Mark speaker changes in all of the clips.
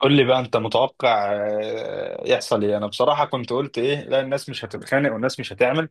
Speaker 1: قول لي بقى انت متوقع يحصل ايه؟ انا بصراحة كنت قلت ايه، لا الناس مش هتتخانق والناس مش هتعمل.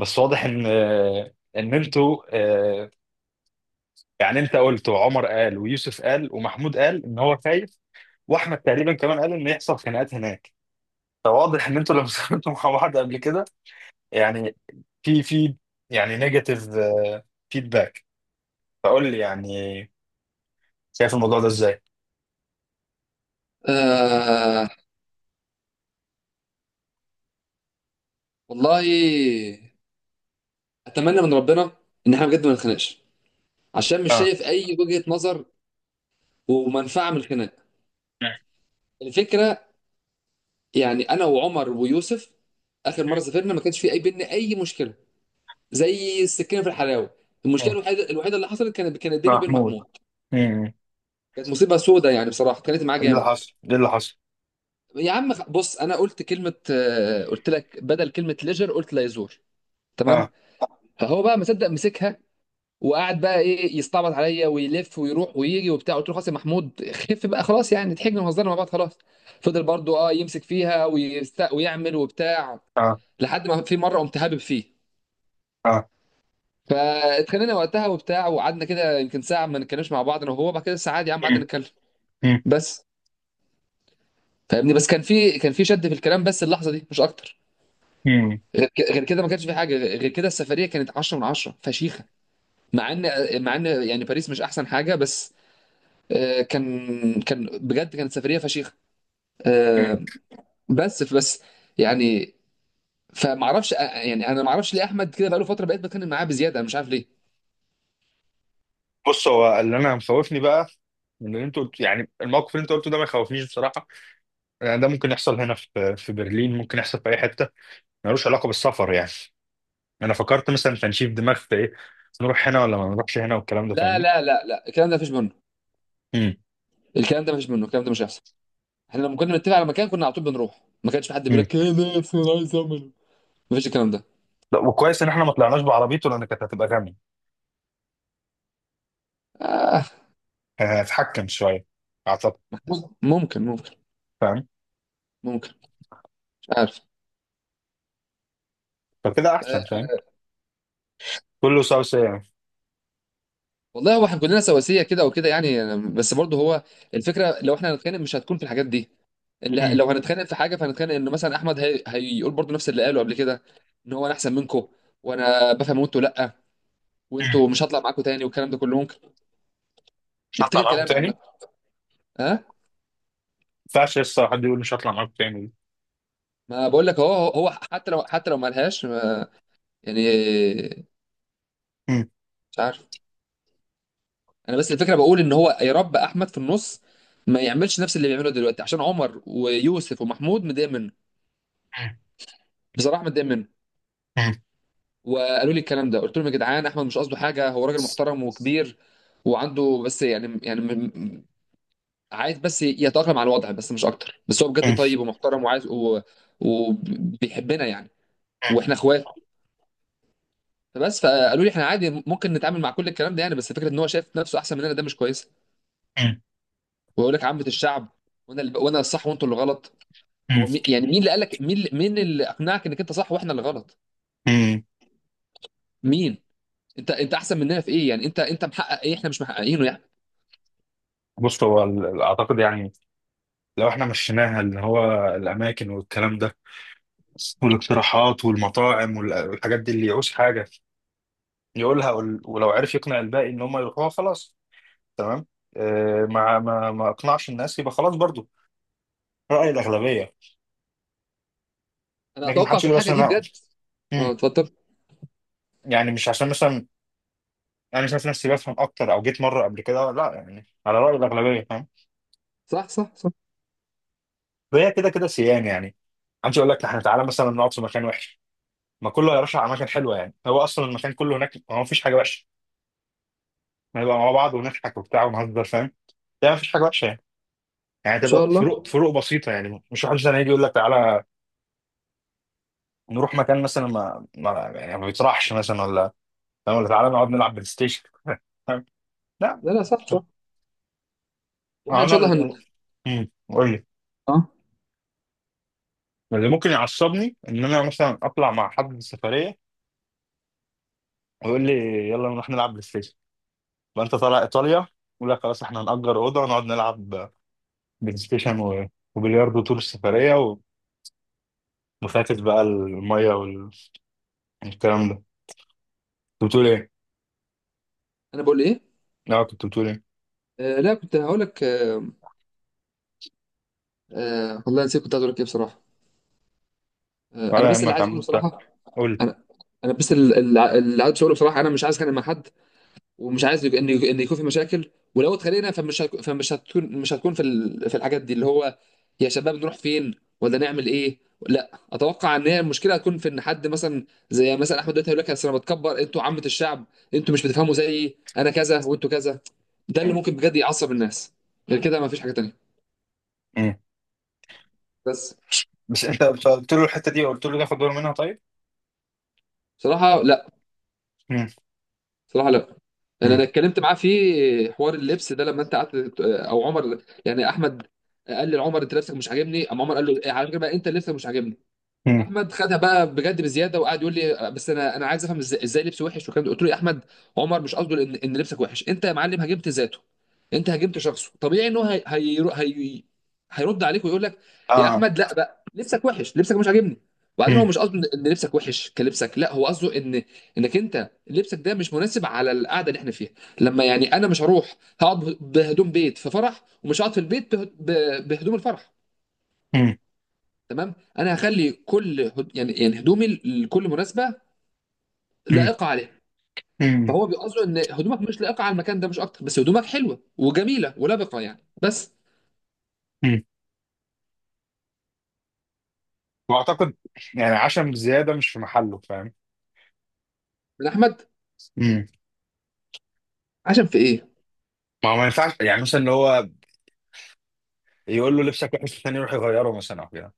Speaker 1: بس واضح ان ان انتوا. آه، يعني انت قلت وعمر قال ويوسف قال ومحمود قال ان هو خايف. واحمد تقريبا كمان قال ان يحصل خناقات هناك. فواضح ان انتوا لما سافرتوا مع بعض قبل كده، يعني في يعني نيجاتيف فيدباك. فقول لي يعني شايف الموضوع ده ازاي؟
Speaker 2: آه، والله اتمنى من ربنا ان احنا بجد ما نتخانقش، عشان مش
Speaker 1: اه.
Speaker 2: شايف اي وجهة نظر ومنفعة من الخناق. الفكرة يعني انا وعمر ويوسف، اخر مرة سافرنا ما كانش في اي بينا اي مشكلة، زي السكينة في الحلاوة. المشكلة
Speaker 1: مم.
Speaker 2: الوحيدة الوحيدة اللي حصلت كانت بيني وبين
Speaker 1: محمود.
Speaker 2: محمود.
Speaker 1: مم.
Speaker 2: كانت مصيبة سودة يعني، بصراحة كانت معاه
Speaker 1: ايه اللي
Speaker 2: جامد.
Speaker 1: حصل؟ ايه اللي حصل؟
Speaker 2: يا عم، بص، انا قلت كلمة، قلت لك بدل كلمة ليجر قلت لا يزور، تمام؟
Speaker 1: آه.
Speaker 2: فهو بقى مصدق مسكها، وقعد بقى ايه يستعبط عليا ويلف ويروح ويجي وبتاع. قلت له خلاص يا محمود، خف بقى خلاص، يعني ضحكنا وهزرنا مع بعض خلاص. فضل برضو يمسك فيها ويعمل وبتاع،
Speaker 1: اه
Speaker 2: لحد ما في مره قمت هابب فيه.
Speaker 1: اه.
Speaker 2: فاتخانقنا وقتها وبتاع، وقعدنا كده يمكن ساعه ما نتكلمش مع بعض انا وهو. بعد كده ساعه عادي يا عم قعدنا
Speaker 1: مم،
Speaker 2: نتكلم.
Speaker 1: مم،
Speaker 2: بس فاهمني، بس كان في شد في الكلام، بس اللحظه دي مش اكتر.
Speaker 1: مم،
Speaker 2: غير كده ما كانش في حاجه. غير كده السفريه كانت 10 من 10 فشيخه، مع ان يعني باريس مش احسن حاجه، بس آه، كان كان بجد كانت سفريه فشيخه.
Speaker 1: مم.
Speaker 2: آه، بس يعني، فما اعرفش. يعني انا ما اعرفش ليه احمد كده بقاله فتره، بقيت بتكلم معاه بزياده، انا مش عارف ليه.
Speaker 1: بص، هو اللي انا مخوفني بقى من اللي انت قلت. يعني الموقف اللي انت قلته ده ما يخوفنيش بصراحه. يعني ده ممكن يحصل هنا في برلين، ممكن يحصل في اي حته، ملوش علاقه بالسفر يعني. انا فكرت مثلا تنشيف دماغ في ايه، نروح هنا ولا ما نروحش هنا والكلام ده،
Speaker 2: لا
Speaker 1: فاهمني؟
Speaker 2: لا لا لا، الكلام ده مفيش منه.
Speaker 1: امم.
Speaker 2: الكلام ده مفيش منه، الكلام ده مش هيحصل. احنا لما كنا بنتفق على مكان كنا على طول بنروح، ما كانش في حد بيقول
Speaker 1: امم.
Speaker 2: لك كده. بس انا عايز اعمل، مفيش الكلام ده.
Speaker 1: لا، وكويس ان احنا ما طلعناش بعربيته لان كانت هتبقى غامي.
Speaker 2: آه،
Speaker 1: كان هيتحكم شويه اعتقد.
Speaker 2: ممكن ممكن ممكن.
Speaker 1: فاهم.
Speaker 2: ممكن، مش عارف.
Speaker 1: فكده احسن،
Speaker 2: آه،
Speaker 1: فاهم. كله سوا سوا يعني.
Speaker 2: والله هو احنا كلنا سواسيه كده وكده يعني، بس برضه هو الفكره لو احنا هنتخانق مش هتكون في الحاجات دي. لا،
Speaker 1: امم.
Speaker 2: لو هنتخانق في حاجه فهنتخانق انه مثلا احمد هيقول برضه نفس اللي قاله قبل كده، ان هو انا احسن منكم، وانا بفهم وانتوا لا،
Speaker 1: امم.
Speaker 2: وانتوا مش هطلع معاكم تاني، والكلام ده كله ممكن
Speaker 1: مش هطلع
Speaker 2: يفتكر
Speaker 1: معاكم
Speaker 2: كلامي
Speaker 1: تاني،
Speaker 2: عامه.
Speaker 1: ما
Speaker 2: ها،
Speaker 1: ينفعش لسه حد يقول مش هطلع معاكم تاني.
Speaker 2: ما بقول لك هو حتى لو، ما لهاش ما- يعني، مش عارف. انا بس الفكره بقول ان هو يا رب احمد في النص ما يعملش نفس اللي بيعمله دلوقتي، عشان عمر ويوسف ومحمود متضايق منه، بصراحه متضايق منه. وقالوا لي الكلام ده، قلت لهم يا جدعان احمد مش قصده حاجه، هو راجل محترم وكبير، وعنده بس يعني عايز بس يتأقلم على الوضع، بس مش اكتر. بس هو بجد طيب ومحترم وعايز وبيحبنا يعني، واحنا اخوات. فبس فقالوا لي احنا عادي ممكن نتعامل مع كل الكلام ده يعني، بس فكره ان هو شايف نفسه احسن مننا ده مش كويس. ويقول لك عامه الشعب، وانا الصح وانتوا اللي غلط. هو يعني مين اللي قال لك، مين اللي اقنعك انك انت صح واحنا اللي غلط؟ مين؟ انت احسن مننا في ايه يعني؟ انت محقق ايه احنا مش محققينه يعني؟
Speaker 1: بص، هو اعتقد يعني لو احنا مشيناها اللي هو الاماكن والكلام ده والاقتراحات والمطاعم والحاجات دي، اللي يعوز حاجه يقولها، ولو عرف يقنع الباقي ان هم يروحوها خلاص. تمام. ما اقنعش الناس يبقى خلاص برضو راي الاغلبيه.
Speaker 2: انا
Speaker 1: لكن ما
Speaker 2: اتوقع
Speaker 1: حدش
Speaker 2: في
Speaker 1: يقول
Speaker 2: الحاجه
Speaker 1: اصلا
Speaker 2: دي
Speaker 1: انا.
Speaker 2: بجد. اه،
Speaker 1: مم.
Speaker 2: 13.
Speaker 1: يعني مش عشان مثلا انا شايف نفسي بفهم اكتر او جيت مره قبل كده، لا، يعني على راي الاغلبيه، فاهم؟
Speaker 2: صح صح صح.
Speaker 1: وهي كده كده سيان يعني. عايز اقول لك احنا تعالى مثلا نقعد في مكان وحش، ما كله هيرشح على مكان حلوه، يعني هو اصلا المكان كله هناك ما فيش حاجه وحشه. نبقى مع بعض ونضحك وبتاع ونهزر، فاهم؟ ده ما فيش حاجه وحشه يعني. يعني
Speaker 2: ان
Speaker 1: تبقى
Speaker 2: شاء الله.
Speaker 1: فروق فروق بسيطه يعني. مش واحد مثلا يجي يقول لك تعالى نروح مكان مثلا ما ما يعني ما بيطرحش مثلا، ولا، فاهم؟ ولا تعالى نقعد نلعب بلاي ستيشن فاهم؟ لا.
Speaker 2: لا لا، صح صح. واحنا ان
Speaker 1: انا
Speaker 2: شاء الله
Speaker 1: قول لي.
Speaker 2: اه.
Speaker 1: اللي ممكن يعصبني ان انا مثلا اطلع مع حد سفريه ويقول لي يلا نروح نلعب بلاي ستيشن، فانت طالع ايطاليا، يقول لك خلاص احنا هنأجر اوضه ونقعد نلعب بلاي ستيشن وبلياردو طول السفريه وفاكس بقى الميه والكلام ده. كنت بتقول ايه؟
Speaker 2: انا بقول ايه؟
Speaker 1: لا، كنت بتقول ايه؟
Speaker 2: آه لا، كنت هقول لك. آه والله نسيت كنت عايز اقول لك ايه بصراحه. آه، انا
Speaker 1: ولا
Speaker 2: بس اللي
Speaker 1: يهمك يا
Speaker 2: عايز
Speaker 1: عم
Speaker 2: اقوله
Speaker 1: انت،
Speaker 2: بصراحه.
Speaker 1: قول.
Speaker 2: انا انا بس اللي عايز اقوله بصراحه، انا مش عايز اتخانق مع حد، ومش عايز ان يكون في مشاكل. ولو اتخانقنا فمش هتكون، مش هتكون في في الحاجات دي اللي هو، يا شباب نروح فين ولا نعمل ايه. لا، اتوقع ان هي المشكله هتكون في ان حد مثلا زي مثلا احمد دلوقتي هيقول لك، أصل انا بتكبر انتوا عامه الشعب، انتوا مش بتفهموا زيي، انا كذا وانتوا كذا. ده اللي
Speaker 1: مم.
Speaker 2: ممكن بجد يعصب الناس. غير كده ما فيش حاجه تانيه.
Speaker 1: مم.
Speaker 2: بس.
Speaker 1: بس انت قلت له الحته دي، قلت له ناخد باله منها، طيب؟
Speaker 2: بصراحه لا.
Speaker 1: مم.
Speaker 2: صراحة لا. انا
Speaker 1: مم.
Speaker 2: اتكلمت معاه في حوار اللبس ده لما انت قعدت، او عمر، يعني احمد قال لي لعمر، انت لبسك مش عاجبني. اما عمر قال له على فكره بقى، انت لبسك مش عاجبني.
Speaker 1: مم.
Speaker 2: احمد خدها بقى بجد بزياده، وقعد يقول لي، بس انا عايز افهم ازاي، لبس وحش والكلام ده. قلت له يا احمد، عمر مش قصده ان لبسك وحش، انت يا معلم هاجمت ذاته، انت هاجمت شخصه، طبيعي ان هو هيرد عليك ويقول لك، يا
Speaker 1: اه.
Speaker 2: احمد لا بقى لبسك وحش، لبسك مش عاجبني. وبعدين هو
Speaker 1: مم.
Speaker 2: مش قصده ان لبسك وحش كلبسك، لا هو قصده ان انك انت لبسك ده مش مناسب على القعده اللي احنا فيها. لما يعني انا مش هروح هقعد بهدوم بيت في فرح، ومش هقعد في البيت بهدوم الفرح،
Speaker 1: مم.
Speaker 2: تمام؟ انا هخلي كل يعني هدومي لكل مناسبه
Speaker 1: مم.
Speaker 2: لائقه عليها.
Speaker 1: مم.
Speaker 2: فهو بيقصده ان هدومك مش لائقه على المكان ده مش اكتر، بس هدومك حلوه وجميله ولبقه يعني، بس
Speaker 1: مم. واعتقد يعني عشم زياده مش في محله، فاهم؟
Speaker 2: من احمد
Speaker 1: مم.
Speaker 2: عشان في ايه؟
Speaker 1: ما هو ما ينفعش يعني مثلا اللي هو يقول له لبسك وحش، الثاني يروح يغيره مثلا او كده.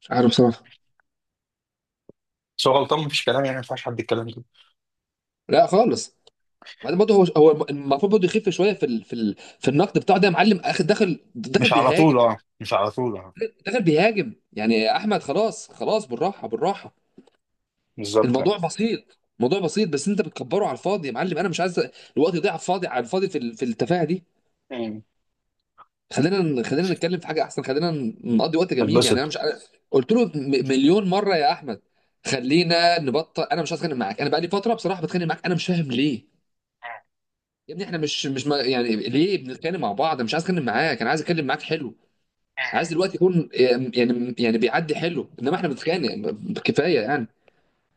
Speaker 2: مش عارف بصراحه.
Speaker 1: بس هو غلطان، مفيش كلام، يعني ما ينفعش حد يتكلم كده.
Speaker 2: لا خالص. وبعدين برضه هو المفروض برضه يخف شويه في في النقد بتاعه ده. يا معلم اخد داخل داخل
Speaker 1: مش على
Speaker 2: بيهاجم،
Speaker 1: طول، اه، مش على طول، اه.
Speaker 2: داخل بيهاجم يعني، يا احمد خلاص خلاص، بالراحه بالراحه،
Speaker 1: بالظبط يعني.
Speaker 2: الموضوع بسيط، موضوع بسيط، بس انت بتكبره على الفاضي. يا معلم انا مش عايز الوقت يضيع على الفاضي، على الفاضي في في التفاهه دي.
Speaker 1: مم.
Speaker 2: خلينا خلينا نتكلم في حاجه احسن، خلينا نقضي وقت جميل. يعني انا
Speaker 1: اتبسط.
Speaker 2: مش عارف قلت له مليون مره يا احمد، خلينا نبطل. انا مش عايز اتخانق معاك، انا بقى لي فتره بصراحه بتخانق معاك، انا مش فاهم ليه. يا ابني احنا مش ما يعني ليه بنتكلم مع بعض؟ انا مش عايز اتكلم معاك، انا عايز اتكلم معاك حلو. عايز دلوقتي يكون يعني، بيعدي حلو، انما احنا بنتخانق. كفايه يعني،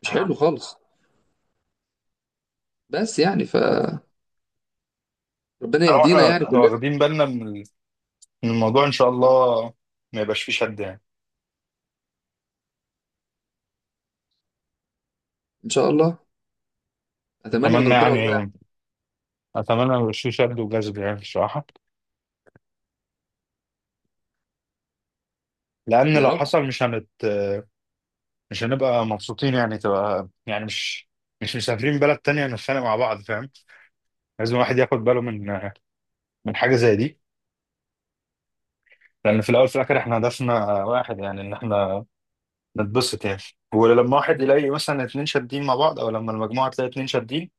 Speaker 2: مش حلو
Speaker 1: آه.
Speaker 2: خالص. بس يعني، فربنا
Speaker 1: طالما
Speaker 2: يهدينا يعني
Speaker 1: احنا
Speaker 2: كلنا
Speaker 1: واخدين بالنا من من الموضوع ان شاء الله ما يبقاش فيه شد يعني.
Speaker 2: ان شاء الله. اتمنى من
Speaker 1: اتمنى
Speaker 2: ربنا والله يا أحمد.
Speaker 1: يعني. اتمنى ما يبقاش فيه شد وجذب يعني الصراحه. لان
Speaker 2: يا
Speaker 1: لو
Speaker 2: رب.
Speaker 1: حصل مش هنبقى مبسوطين يعني. تبقى يعني مش مش مسافرين بلد تانية نتخانق مع بعض، فاهم؟ لازم الواحد ياخد باله من حاجه زي دي. لان في الاول في الاخر احنا هدفنا واحد يعني، ان احنا نتبسط يعني. ولما واحد يلاقي مثلا اتنين شادين مع بعض، او لما المجموعه تلاقي اتنين شادين،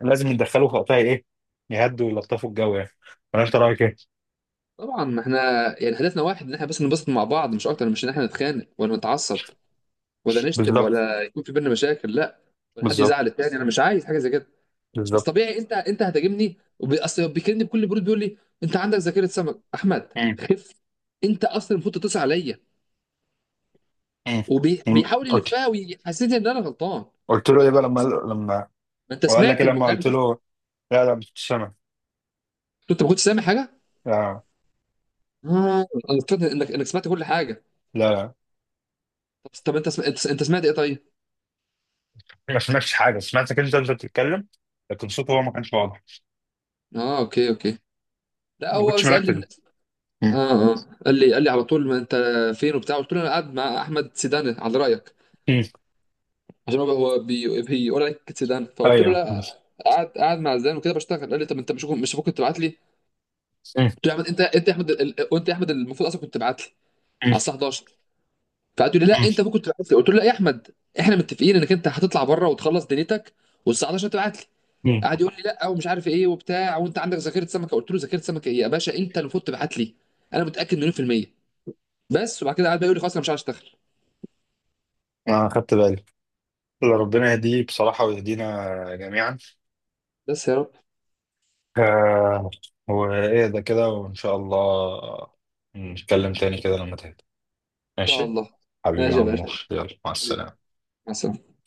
Speaker 1: لازم يتدخلوا في وقتها، ايه، يهدوا ويلطفوا الجو يعني. ولا انت رايك ايه؟
Speaker 2: طبعا احنا يعني هدفنا واحد، ان احنا بس ننبسط مع بعض مش اكتر، مش ان احنا نتخانق ولا نتعصب ولا نشتم
Speaker 1: بالظبط.
Speaker 2: ولا يكون في بينا مشاكل، لا. ولا حد
Speaker 1: بالظبط.
Speaker 2: يزعل التاني، انا مش عايز حاجه زي كده. بس
Speaker 1: بالظبط.
Speaker 2: طبيعي انت هتهاجمني، اصل بيكلمني بكل برود، بيقول لي انت عندك ذاكره سمك، احمد
Speaker 1: مم.
Speaker 2: خف، انت اصلا المفروض تتصل عليا،
Speaker 1: مم. مم.
Speaker 2: وبيحاول يلفها ويحسسني ان انا غلطان.
Speaker 1: قلت له ايه بقى لما؟
Speaker 2: ما انت
Speaker 1: وقال لك ايه
Speaker 2: سمعت
Speaker 1: لما
Speaker 2: المكالمه.
Speaker 1: قلت
Speaker 2: قلت
Speaker 1: له؟ لا لا، مش سامع.
Speaker 2: له، انت ما كنتش سامع حاجه؟
Speaker 1: لا.
Speaker 2: اه، انا افتكرت انك سمعت كل حاجه.
Speaker 1: لا لا،
Speaker 2: طب طب، انت انت سمعت ايه طيب؟
Speaker 1: ما سمعتش حاجه، سمعتك انت بتتكلم، لكن صوته هو ما كانش واضح.
Speaker 2: اه، اوكي اوكي. لا
Speaker 1: ما
Speaker 2: هو
Speaker 1: كنتش
Speaker 2: بس قال
Speaker 1: مركز.
Speaker 2: لي.
Speaker 1: مم.
Speaker 2: اه اه. قال لي على طول، ما انت فين وبتاع؟ قلت له انا قاعد مع احمد سيدان على رايك،
Speaker 1: مم.
Speaker 2: عشان هو بيقول عليك سيدان، فقلت له
Speaker 1: ايوه. مم.
Speaker 2: لا، قاعد مع زيدان وكده بشتغل. قال لي طب انت مش المفروض كنت تبعت لي؟
Speaker 1: مم.
Speaker 2: قلت له يا احمد، انت يا احمد وانت يا احمد المفروض اصلا كنت تبعت لي
Speaker 1: مم.
Speaker 2: على الساعه 11. فقعد يقول لي لا انت المفروض كنت تبعت لي، قلت له لا يا احمد، احنا متفقين انك انت هتطلع بره وتخلص دنيتك، والساعه 11 تبعت لي.
Speaker 1: مم.
Speaker 2: قعد يقول لي لا ومش عارف ايه وبتاع، وانت عندك ذاكره سمكه. قلت له ذاكره سمكه ايه يا باشا، انت المفروض تبعت لي، انا متاكد مليون في الميه. بس وبعد كده قعد بقى يقول لي خلاص انا مش عايز اشتغل.
Speaker 1: انا خدت بالي. اللي ربنا يهديه بصراحة، ويهدينا جميعا.
Speaker 2: بس يا رب ان
Speaker 1: آه. وإهدى كده وإن شاء الله نتكلم تاني كده لما تهدى.
Speaker 2: شاء
Speaker 1: ماشي.
Speaker 2: الله.
Speaker 1: حبيبي يا
Speaker 2: ماشي يا
Speaker 1: عمور،
Speaker 2: باشا،
Speaker 1: يلا مع
Speaker 2: حبيبي،
Speaker 1: السلامة.
Speaker 2: مع السلامه.